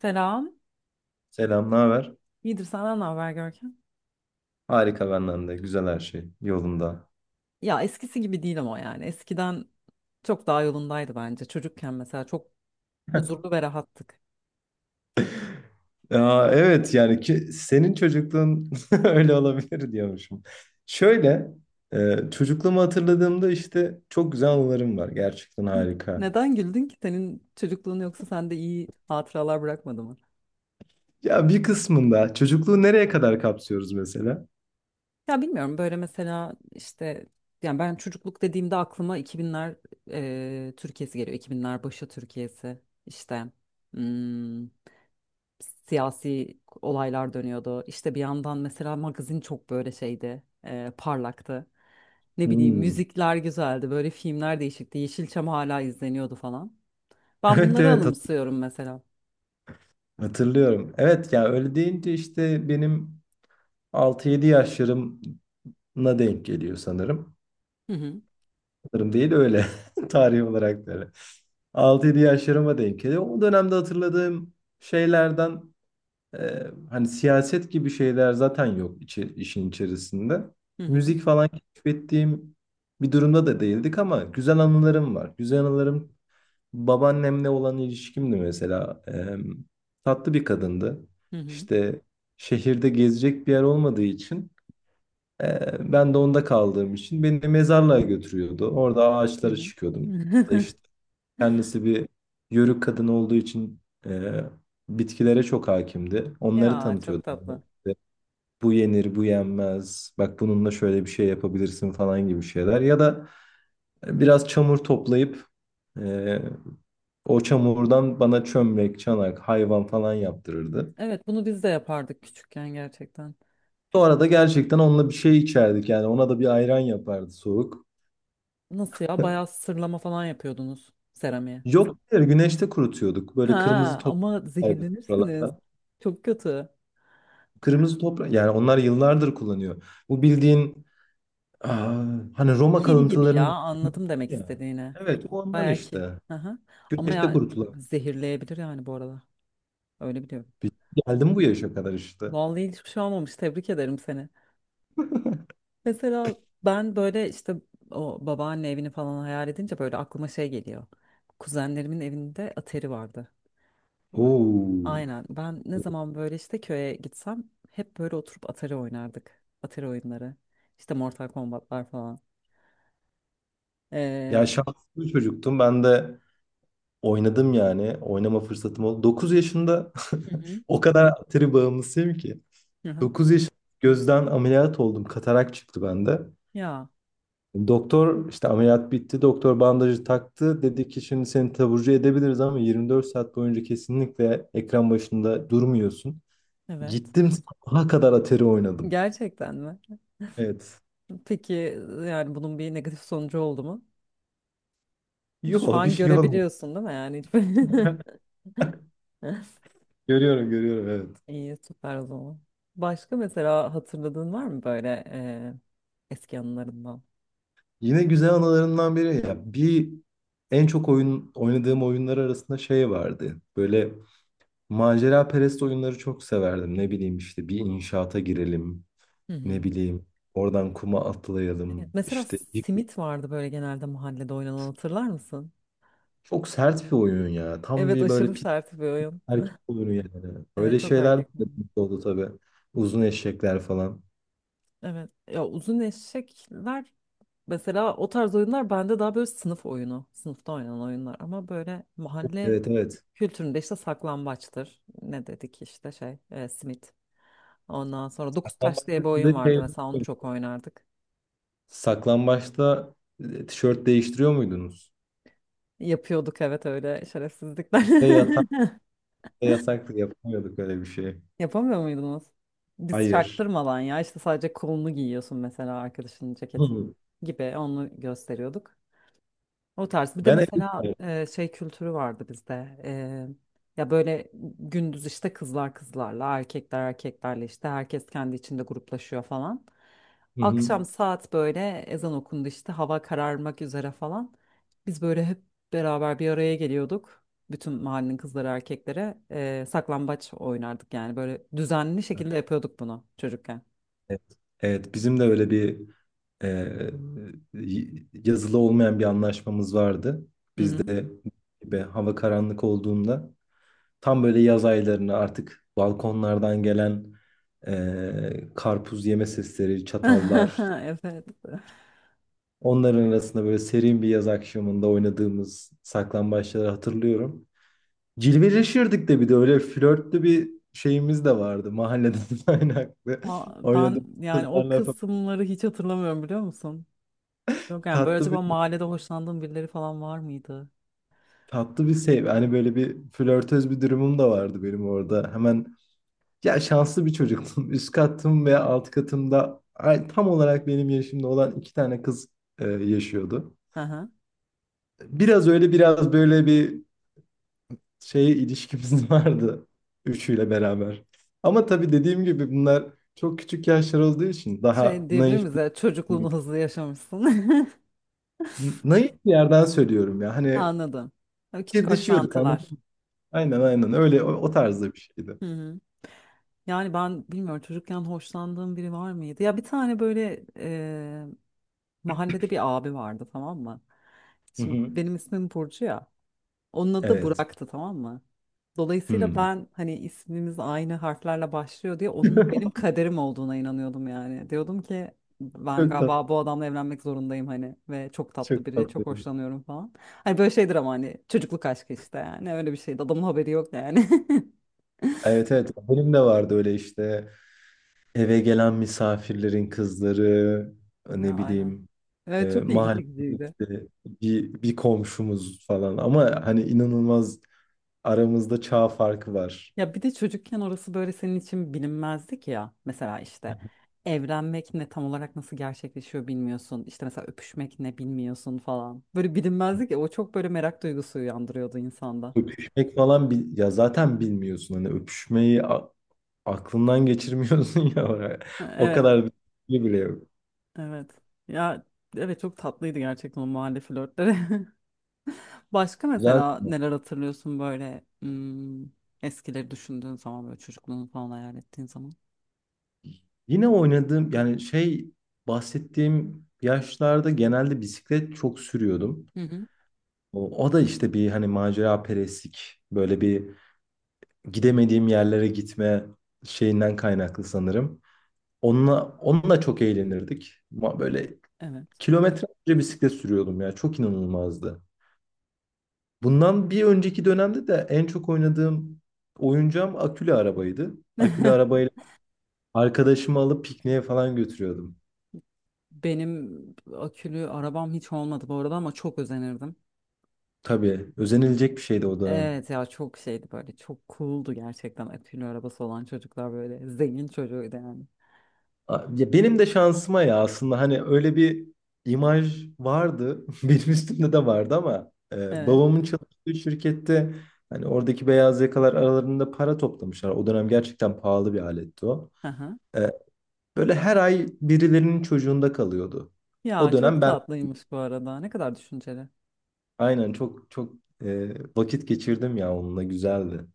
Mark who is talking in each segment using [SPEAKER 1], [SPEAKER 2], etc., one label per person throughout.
[SPEAKER 1] Selam.
[SPEAKER 2] Selam, ne haber?
[SPEAKER 1] İyidir senden ne haber Görkem?
[SPEAKER 2] Harika benden de. Güzel her şey. Yolunda.
[SPEAKER 1] Ya eskisi gibi değil ama yani eskiden çok daha yolundaydı bence. Çocukken mesela çok huzurlu ve rahattık.
[SPEAKER 2] Ya, evet yani ki, senin çocukluğun öyle olabilir diyormuşum. Şöyle çocukluğumu hatırladığımda işte çok güzel anılarım var. Gerçekten
[SPEAKER 1] Hı.
[SPEAKER 2] harika.
[SPEAKER 1] Neden güldün ki? Senin çocukluğun yoksa sende iyi hatıralar bırakmadı mı?
[SPEAKER 2] Ya bir kısmında çocukluğu nereye kadar kapsıyoruz mesela?
[SPEAKER 1] Ya bilmiyorum, böyle mesela işte yani ben çocukluk dediğimde aklıma 2000'ler Türkiye'si geliyor. 2000'ler başı Türkiye'si işte. hmm, Siyasi olaylar dönüyordu. İşte bir yandan mesela magazin çok böyle şeydi, parlaktı. Ne bileyim
[SPEAKER 2] Hmm.
[SPEAKER 1] müzikler güzeldi, böyle filmler değişikti. Yeşilçam hala izleniyordu falan. Ben
[SPEAKER 2] Evet,
[SPEAKER 1] bunları
[SPEAKER 2] evet,
[SPEAKER 1] anımsıyorum mesela.
[SPEAKER 2] hatırlıyorum. Evet ya öyle deyince işte benim 6-7 yaşlarımla denk geliyor sanırım.
[SPEAKER 1] Hı hı.
[SPEAKER 2] Sanırım değil, öyle. Tarih olarak da öyle. 6-7 yaşlarıma denk geliyor. O dönemde hatırladığım şeylerden hani siyaset gibi şeyler zaten yok işin içerisinde.
[SPEAKER 1] Hı hı.
[SPEAKER 2] Müzik falan keşfettiğim bir durumda da değildik ama güzel anılarım var. Güzel anılarım babaannemle olan ilişkimdi mesela. Tatlı bir kadındı.
[SPEAKER 1] Hı hı.
[SPEAKER 2] İşte şehirde gezecek bir yer olmadığı için ben de onda kaldığım için beni mezarlığa götürüyordu. Orada
[SPEAKER 1] Hı
[SPEAKER 2] ağaçlara çıkıyordum.
[SPEAKER 1] hı.
[SPEAKER 2] İşte kendisi bir Yörük kadın olduğu için e, bitkilere çok hakimdi. Onları
[SPEAKER 1] Ya çok
[SPEAKER 2] tanıtıyordum.
[SPEAKER 1] tatlı.
[SPEAKER 2] İşte bu yenir, bu yenmez. Bak bununla şöyle bir şey yapabilirsin falan gibi şeyler. Ya da biraz çamur toplayıp e, o çamurdan bana çömlek, çanak, hayvan falan yaptırırdı.
[SPEAKER 1] Evet bunu biz de yapardık küçükken gerçekten.
[SPEAKER 2] Sonra da gerçekten onunla bir şey içerdik, yani ona da bir ayran yapardı soğuk.
[SPEAKER 1] Nasıl ya, bayağı sırlama falan yapıyordunuz seramiğe.
[SPEAKER 2] Yok, hayır, güneşte kurutuyorduk. Böyle kırmızı
[SPEAKER 1] Ha,
[SPEAKER 2] toprak
[SPEAKER 1] ama
[SPEAKER 2] var bizim
[SPEAKER 1] zehirlenirsiniz.
[SPEAKER 2] buralarda.
[SPEAKER 1] Çok kötü.
[SPEAKER 2] Kırmızı toprak yani onlar yıllardır kullanıyor. Bu bildiğin aa, hani Roma
[SPEAKER 1] Kil gibi ya,
[SPEAKER 2] kalıntılarında
[SPEAKER 1] anladım demek
[SPEAKER 2] ya.
[SPEAKER 1] istediğini.
[SPEAKER 2] Evet, o ondan
[SPEAKER 1] Bayağı kil.
[SPEAKER 2] işte.
[SPEAKER 1] Aha. Ama
[SPEAKER 2] Güneşte
[SPEAKER 1] ya
[SPEAKER 2] kurutulan.
[SPEAKER 1] zehirleyebilir yani bu arada. Öyle biliyorum.
[SPEAKER 2] bir- şey. Geldim bu yaşa kadar işte.
[SPEAKER 1] Vallahi hiçbir şey olmamış. Tebrik ederim seni. Mesela ben böyle işte o babaanne evini falan hayal edince böyle aklıma şey geliyor. Kuzenlerimin evinde atari vardı.
[SPEAKER 2] Oo.
[SPEAKER 1] Aynen. Ben ne zaman böyle işte köye gitsem hep böyle oturup atari oynardık. Atari oyunları. İşte Mortal Kombat'lar falan. Ee,
[SPEAKER 2] Ya şanslı bir çocuktum. Ben de oynadım yani. Oynama fırsatım oldu. 9 yaşında.
[SPEAKER 1] Hı hı.
[SPEAKER 2] O kadar atari bağımlısıyım ki.
[SPEAKER 1] Hı hı.
[SPEAKER 2] 9 yaşında gözden ameliyat oldum. Katarak çıktı bende.
[SPEAKER 1] Ya
[SPEAKER 2] Doktor işte ameliyat bitti. Doktor bandajı taktı. Dedi ki şimdi seni taburcu edebiliriz ama 24 saat boyunca kesinlikle ekran başında durmuyorsun.
[SPEAKER 1] evet.
[SPEAKER 2] Gittim sabaha kadar Atari oynadım.
[SPEAKER 1] Gerçekten mi?
[SPEAKER 2] Evet.
[SPEAKER 1] Peki yani bunun bir negatif sonucu oldu mu? Şu
[SPEAKER 2] Yok, bir
[SPEAKER 1] an
[SPEAKER 2] şey olmadı.
[SPEAKER 1] görebiliyorsun değil mi yani?
[SPEAKER 2] Görüyorum, görüyorum, evet.
[SPEAKER 1] İyi, süper o zaman. Başka mesela hatırladığın var mı böyle eski anılarından?
[SPEAKER 2] Yine güzel anılarından biri, ya, bir en çok oyun oynadığım oyunlar arasında şey vardı. Böyle macera perest oyunları çok severdim. Ne bileyim işte bir inşaata girelim.
[SPEAKER 1] Hı
[SPEAKER 2] Ne
[SPEAKER 1] hı.
[SPEAKER 2] bileyim oradan kuma
[SPEAKER 1] Evet,
[SPEAKER 2] atlayalım.
[SPEAKER 1] mesela
[SPEAKER 2] İşte
[SPEAKER 1] simit vardı böyle genelde mahallede oynanan, hatırlar mısın?
[SPEAKER 2] çok sert bir oyun ya. Tam
[SPEAKER 1] Evet,
[SPEAKER 2] bir böyle
[SPEAKER 1] aşırı
[SPEAKER 2] pit
[SPEAKER 1] sert bir oyun.
[SPEAKER 2] erkek oyunu yani.
[SPEAKER 1] Evet,
[SPEAKER 2] Böyle
[SPEAKER 1] çok
[SPEAKER 2] şeyler
[SPEAKER 1] erkek
[SPEAKER 2] de
[SPEAKER 1] oyunu.
[SPEAKER 2] oldu tabii. Uzun eşekler falan.
[SPEAKER 1] Evet ya, uzun eşekler. Mesela o tarz oyunlar bende daha böyle sınıf oyunu, sınıfta oynanan oyunlar, ama böyle mahalle
[SPEAKER 2] Evet, evet.
[SPEAKER 1] kültüründe işte saklambaçtır. Ne dedik işte şey, simit. Ondan sonra dokuz taş diye
[SPEAKER 2] Saklambaçta
[SPEAKER 1] bir
[SPEAKER 2] siz
[SPEAKER 1] oyun
[SPEAKER 2] de şey
[SPEAKER 1] vardı mesela, onu çok oynardık.
[SPEAKER 2] saklambaçta tişört değiştiriyor muydunuz?
[SPEAKER 1] Yapıyorduk, evet, öyle şerefsizlikler.
[SPEAKER 2] Bizde yasak da yasaktı. Yapamıyorduk öyle bir şey.
[SPEAKER 1] Yapamıyor muydunuz? Biz
[SPEAKER 2] Hayır.
[SPEAKER 1] çaktırmadan ya işte sadece kolunu giyiyorsun mesela arkadaşının ceketini
[SPEAKER 2] Hı.
[SPEAKER 1] gibi, onu gösteriyorduk. O tarz. Bir de
[SPEAKER 2] Ben
[SPEAKER 1] mesela
[SPEAKER 2] evet.
[SPEAKER 1] şey kültürü vardı bizde. Ya böyle gündüz işte kızlar kızlarla, erkekler erkeklerle, işte herkes kendi içinde gruplaşıyor falan.
[SPEAKER 2] Hı hı.
[SPEAKER 1] Akşam saat böyle ezan okundu, işte hava kararmak üzere falan. Biz böyle hep beraber bir araya geliyorduk. Bütün mahallenin kızları erkeklere saklambaç oynardık yani, böyle düzenli şekilde yapıyorduk bunu çocukken.
[SPEAKER 2] Evet. Evet, bizim de öyle bir e, yazılı olmayan bir anlaşmamız vardı.
[SPEAKER 1] Hı
[SPEAKER 2] Biz
[SPEAKER 1] hı.
[SPEAKER 2] de gibi hava karanlık olduğunda, tam böyle yaz aylarını artık balkonlardan gelen karpuz yeme sesleri, çatallar.
[SPEAKER 1] Evet.
[SPEAKER 2] Onların arasında böyle serin bir yaz akşamında oynadığımız saklambaçları hatırlıyorum. Cilveleşirdik de, bir de öyle flörtlü bir şeyimiz de vardı mahalleden kaynaklı.
[SPEAKER 1] Aa, ben
[SPEAKER 2] Oynadığımız
[SPEAKER 1] yani o
[SPEAKER 2] kızlarla falan.
[SPEAKER 1] kısımları hiç hatırlamıyorum, biliyor musun? Yok yani, böyle
[SPEAKER 2] Tatlı bir
[SPEAKER 1] acaba mahallede hoşlandığın birileri falan var mıydı?
[SPEAKER 2] tatlı bir sev. Hani böyle bir flörtöz bir durumum da vardı benim orada. Hemen. Ya şanslı bir çocuktum. Üst katım ve alt katımda tam olarak benim yaşımda olan 2 tane kız yaşıyordu.
[SPEAKER 1] Hı hı.
[SPEAKER 2] Biraz öyle biraz böyle bir şeye ilişkimiz vardı üçüyle beraber. Ama tabii dediğim gibi bunlar çok küçük yaşlar olduğu için daha
[SPEAKER 1] Şey diyebilir miyiz ya,
[SPEAKER 2] bir,
[SPEAKER 1] çocukluğunu hızlı yaşamışsın.
[SPEAKER 2] naif bir yerden söylüyorum ya. Hani
[SPEAKER 1] Anladım. Böyle küçük
[SPEAKER 2] fikirdeşiyorduk, anladın
[SPEAKER 1] hoşlantılar.
[SPEAKER 2] mı? Aynen, aynen, öyle
[SPEAKER 1] Hı
[SPEAKER 2] o tarzda bir şeydi.
[SPEAKER 1] hı. Hı hı. Yani ben bilmiyorum, çocukken hoşlandığım biri var mıydı? Ya bir tane böyle mahallede bir abi vardı, tamam mı?
[SPEAKER 2] Hı
[SPEAKER 1] Şimdi
[SPEAKER 2] hı.
[SPEAKER 1] benim ismim Burcu ya. Onun adı da
[SPEAKER 2] Evet.
[SPEAKER 1] Burak'tı, tamam mı? Dolayısıyla
[SPEAKER 2] Hmm.
[SPEAKER 1] ben hani ismimiz aynı harflerle başlıyor diye onun benim kaderim olduğuna inanıyordum yani. Diyordum ki ben
[SPEAKER 2] Çok tatlı.
[SPEAKER 1] galiba bu adamla evlenmek zorundayım, hani ve çok tatlı
[SPEAKER 2] Çok
[SPEAKER 1] biri,
[SPEAKER 2] tatlı.
[SPEAKER 1] çok hoşlanıyorum falan. Hani böyle şeydir ama hani çocukluk aşkı işte, yani öyle bir şeydi. Adamın haberi yok yani.
[SPEAKER 2] Evet, evet, benim de vardı öyle işte eve gelen misafirlerin kızları,
[SPEAKER 1] Ya
[SPEAKER 2] ne
[SPEAKER 1] aynen.
[SPEAKER 2] bileyim,
[SPEAKER 1] Evet çok ilgi
[SPEAKER 2] mahalle
[SPEAKER 1] çekiciydi.
[SPEAKER 2] işte bir komşumuz falan ama hani inanılmaz aramızda çağ farkı var.
[SPEAKER 1] Ya bir de çocukken orası böyle senin için bilinmezdik ya. Mesela işte evlenmek ne, tam olarak nasıl gerçekleşiyor bilmiyorsun. İşte mesela öpüşmek ne bilmiyorsun falan. Böyle bilinmezdik ya, o çok böyle merak duygusu uyandırıyordu insanda.
[SPEAKER 2] Öpüşmek falan ya zaten bilmiyorsun hani öpüşmeyi aklından geçirmiyorsun ya oraya. O
[SPEAKER 1] Evet,
[SPEAKER 2] kadar bir şey bile yok.
[SPEAKER 1] evet. Ya evet, çok tatlıydı gerçekten o mahalle flörtleri. Başka
[SPEAKER 2] Güzel.
[SPEAKER 1] mesela neler hatırlıyorsun böyle eskileri düşündüğün zaman, böyle çocukluğunu falan hayal ettiğin zaman?
[SPEAKER 2] Yine oynadığım yani şey bahsettiğim yaşlarda genelde bisiklet çok sürüyordum.
[SPEAKER 1] Hı hı.
[SPEAKER 2] O da işte bir hani macera perestlik böyle bir gidemediğim yerlere gitme şeyinden kaynaklı sanırım. Onunla çok eğlenirdik. Ama böyle
[SPEAKER 1] Evet.
[SPEAKER 2] kilometrelerce bisiklet sürüyordum ya, çok inanılmazdı. Bundan bir önceki dönemde de en çok oynadığım oyuncağım akülü arabaydı. Akülü arabayla arkadaşımı alıp pikniğe falan götürüyordum.
[SPEAKER 1] Benim akülü arabam hiç olmadı bu arada, ama çok özenirdim.
[SPEAKER 2] Tabii özenilecek bir şeydi o dönem.
[SPEAKER 1] Evet ya, çok şeydi böyle, çok cool'du gerçekten akülü arabası olan çocuklar, böyle zengin çocuğuydu yani.
[SPEAKER 2] Ya, benim de şansıma ya aslında hani öyle bir imaj vardı. Benim üstümde de vardı ama
[SPEAKER 1] Evet.
[SPEAKER 2] babamın çalıştığı şirkette hani oradaki beyaz yakalar aralarında para toplamışlar. O dönem gerçekten pahalı bir aletti o.
[SPEAKER 1] Aha.
[SPEAKER 2] E, Böyle her ay birilerinin çocuğunda kalıyordu. O
[SPEAKER 1] Ya
[SPEAKER 2] dönem
[SPEAKER 1] çok
[SPEAKER 2] ben,
[SPEAKER 1] tatlıymış bu arada, ne kadar düşünceli.
[SPEAKER 2] aynen, çok çok e, vakit geçirdim ya, onunla güzeldi.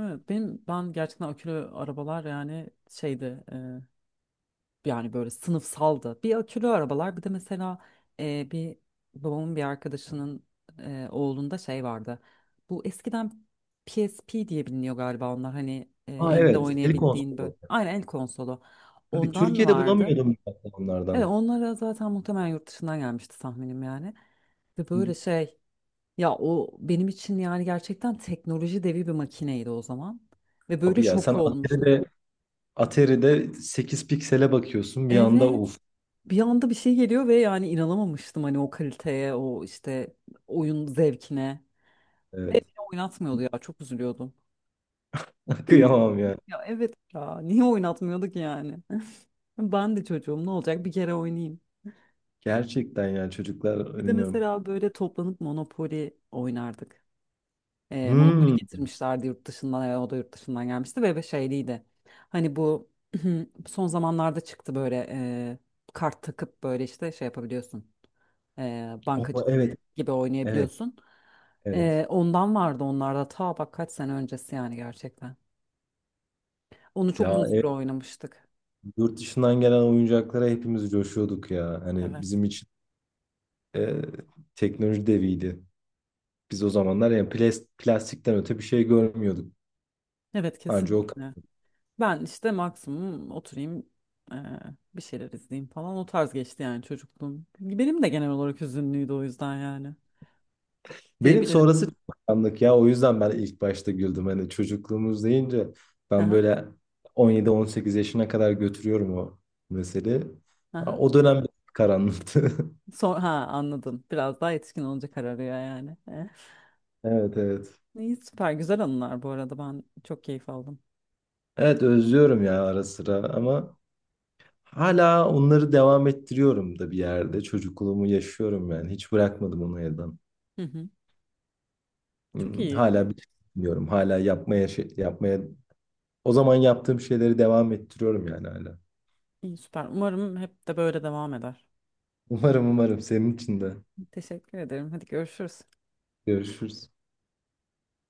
[SPEAKER 1] Evet benim, ben gerçekten akülü arabalar yani şeydi, yani böyle sınıfsaldı. Bir akülü arabalar, bir de mesela bir babamın bir arkadaşının oğlunda şey vardı. Bu eskiden PSP diye biliniyor galiba onlar, hani
[SPEAKER 2] Aa,
[SPEAKER 1] elde
[SPEAKER 2] evet, el
[SPEAKER 1] oynayabildiğin böyle.
[SPEAKER 2] konsolosu.
[SPEAKER 1] Aynen el konsolu.
[SPEAKER 2] Tabii
[SPEAKER 1] Ondan
[SPEAKER 2] Türkiye'de
[SPEAKER 1] vardı.
[SPEAKER 2] bulamıyordum bu
[SPEAKER 1] Evet,
[SPEAKER 2] onlardan.
[SPEAKER 1] onlara zaten muhtemelen yurt dışından gelmişti tahminim yani. Ve
[SPEAKER 2] Hı.
[SPEAKER 1] böyle şey, ya o benim için yani gerçekten teknoloji devi bir makineydi o zaman. Ve böyle
[SPEAKER 2] Abi ya, sen
[SPEAKER 1] şok olmuştum.
[SPEAKER 2] Atari'de 8 piksele bakıyorsun bir anda,
[SPEAKER 1] Evet,
[SPEAKER 2] of.
[SPEAKER 1] bir anda bir şey geliyor ve yani inanamamıştım hani o kaliteye, o işte oyun zevkine. Ve
[SPEAKER 2] Evet.
[SPEAKER 1] beni oynatmıyordu ya, çok üzülüyordum.
[SPEAKER 2] Kıyamam ya.
[SPEAKER 1] Ya evet ya, niye oynatmıyorduk yani? Ben de çocuğum, ne olacak, bir kere oynayayım.
[SPEAKER 2] Gerçekten yani, çocuklar,
[SPEAKER 1] Bir de
[SPEAKER 2] bilmiyorum.
[SPEAKER 1] mesela böyle toplanıp Monopoly oynardık. Monopoly
[SPEAKER 2] Hmm.
[SPEAKER 1] getirmişlerdi yurt dışından, o da yurt dışından gelmişti ve şeyliydi. Hani bu son zamanlarda çıktı böyle kart takıp böyle işte şey yapabiliyorsun.
[SPEAKER 2] Oh,
[SPEAKER 1] Bankacılık
[SPEAKER 2] evet.
[SPEAKER 1] gibi
[SPEAKER 2] Evet.
[SPEAKER 1] oynayabiliyorsun.
[SPEAKER 2] Evet.
[SPEAKER 1] Ondan vardı onlarda, ta bak kaç sene öncesi yani gerçekten. Onu çok
[SPEAKER 2] Ya,
[SPEAKER 1] uzun süre
[SPEAKER 2] evet,
[SPEAKER 1] oynamıştık.
[SPEAKER 2] yurt dışından gelen oyuncaklara hepimiz coşuyorduk ya. Hani
[SPEAKER 1] Evet.
[SPEAKER 2] bizim için e, teknoloji deviydi. Biz o zamanlar yani plastikten öte bir şey görmüyorduk.
[SPEAKER 1] Evet
[SPEAKER 2] Anca
[SPEAKER 1] kesinlikle.
[SPEAKER 2] o.
[SPEAKER 1] Ben işte maksimum oturayım, eee, bir şeyler izleyeyim falan, o tarz geçti yani çocukluğum. Benim de genel olarak hüzünlüydü o yüzden, yani
[SPEAKER 2] Benim
[SPEAKER 1] diyebilirim.
[SPEAKER 2] sonrası çok karanlık ya. O yüzden ben ilk başta güldüm. Hani çocukluğumuz deyince ben
[SPEAKER 1] Aha.
[SPEAKER 2] böyle 17-18 yaşına kadar götürüyorum o meseleyi. Ha,
[SPEAKER 1] Aha.
[SPEAKER 2] o dönem karanlıktı.
[SPEAKER 1] Son, ha, anladım. Biraz daha yetişkin olunca kararıyor yani. Eh.
[SPEAKER 2] Evet, evet.
[SPEAKER 1] İyi, süper güzel anılar bu arada, ben çok keyif aldım.
[SPEAKER 2] Evet, özlüyorum ya ara sıra ama hala onları devam ettiriyorum da bir yerde. Çocukluğumu yaşıyorum yani. Hiç bırakmadım onu elden.
[SPEAKER 1] Hı hı. Çok iyi.
[SPEAKER 2] Hala bir şey bilmiyorum. Hala yapmaya yapmaya o zaman yaptığım şeyleri devam ettiriyorum yani hala.
[SPEAKER 1] İyi, süper. Umarım hep de böyle devam eder.
[SPEAKER 2] Umarım, umarım senin için de.
[SPEAKER 1] Teşekkür ederim. Hadi, görüşürüz.
[SPEAKER 2] Görüşürüz.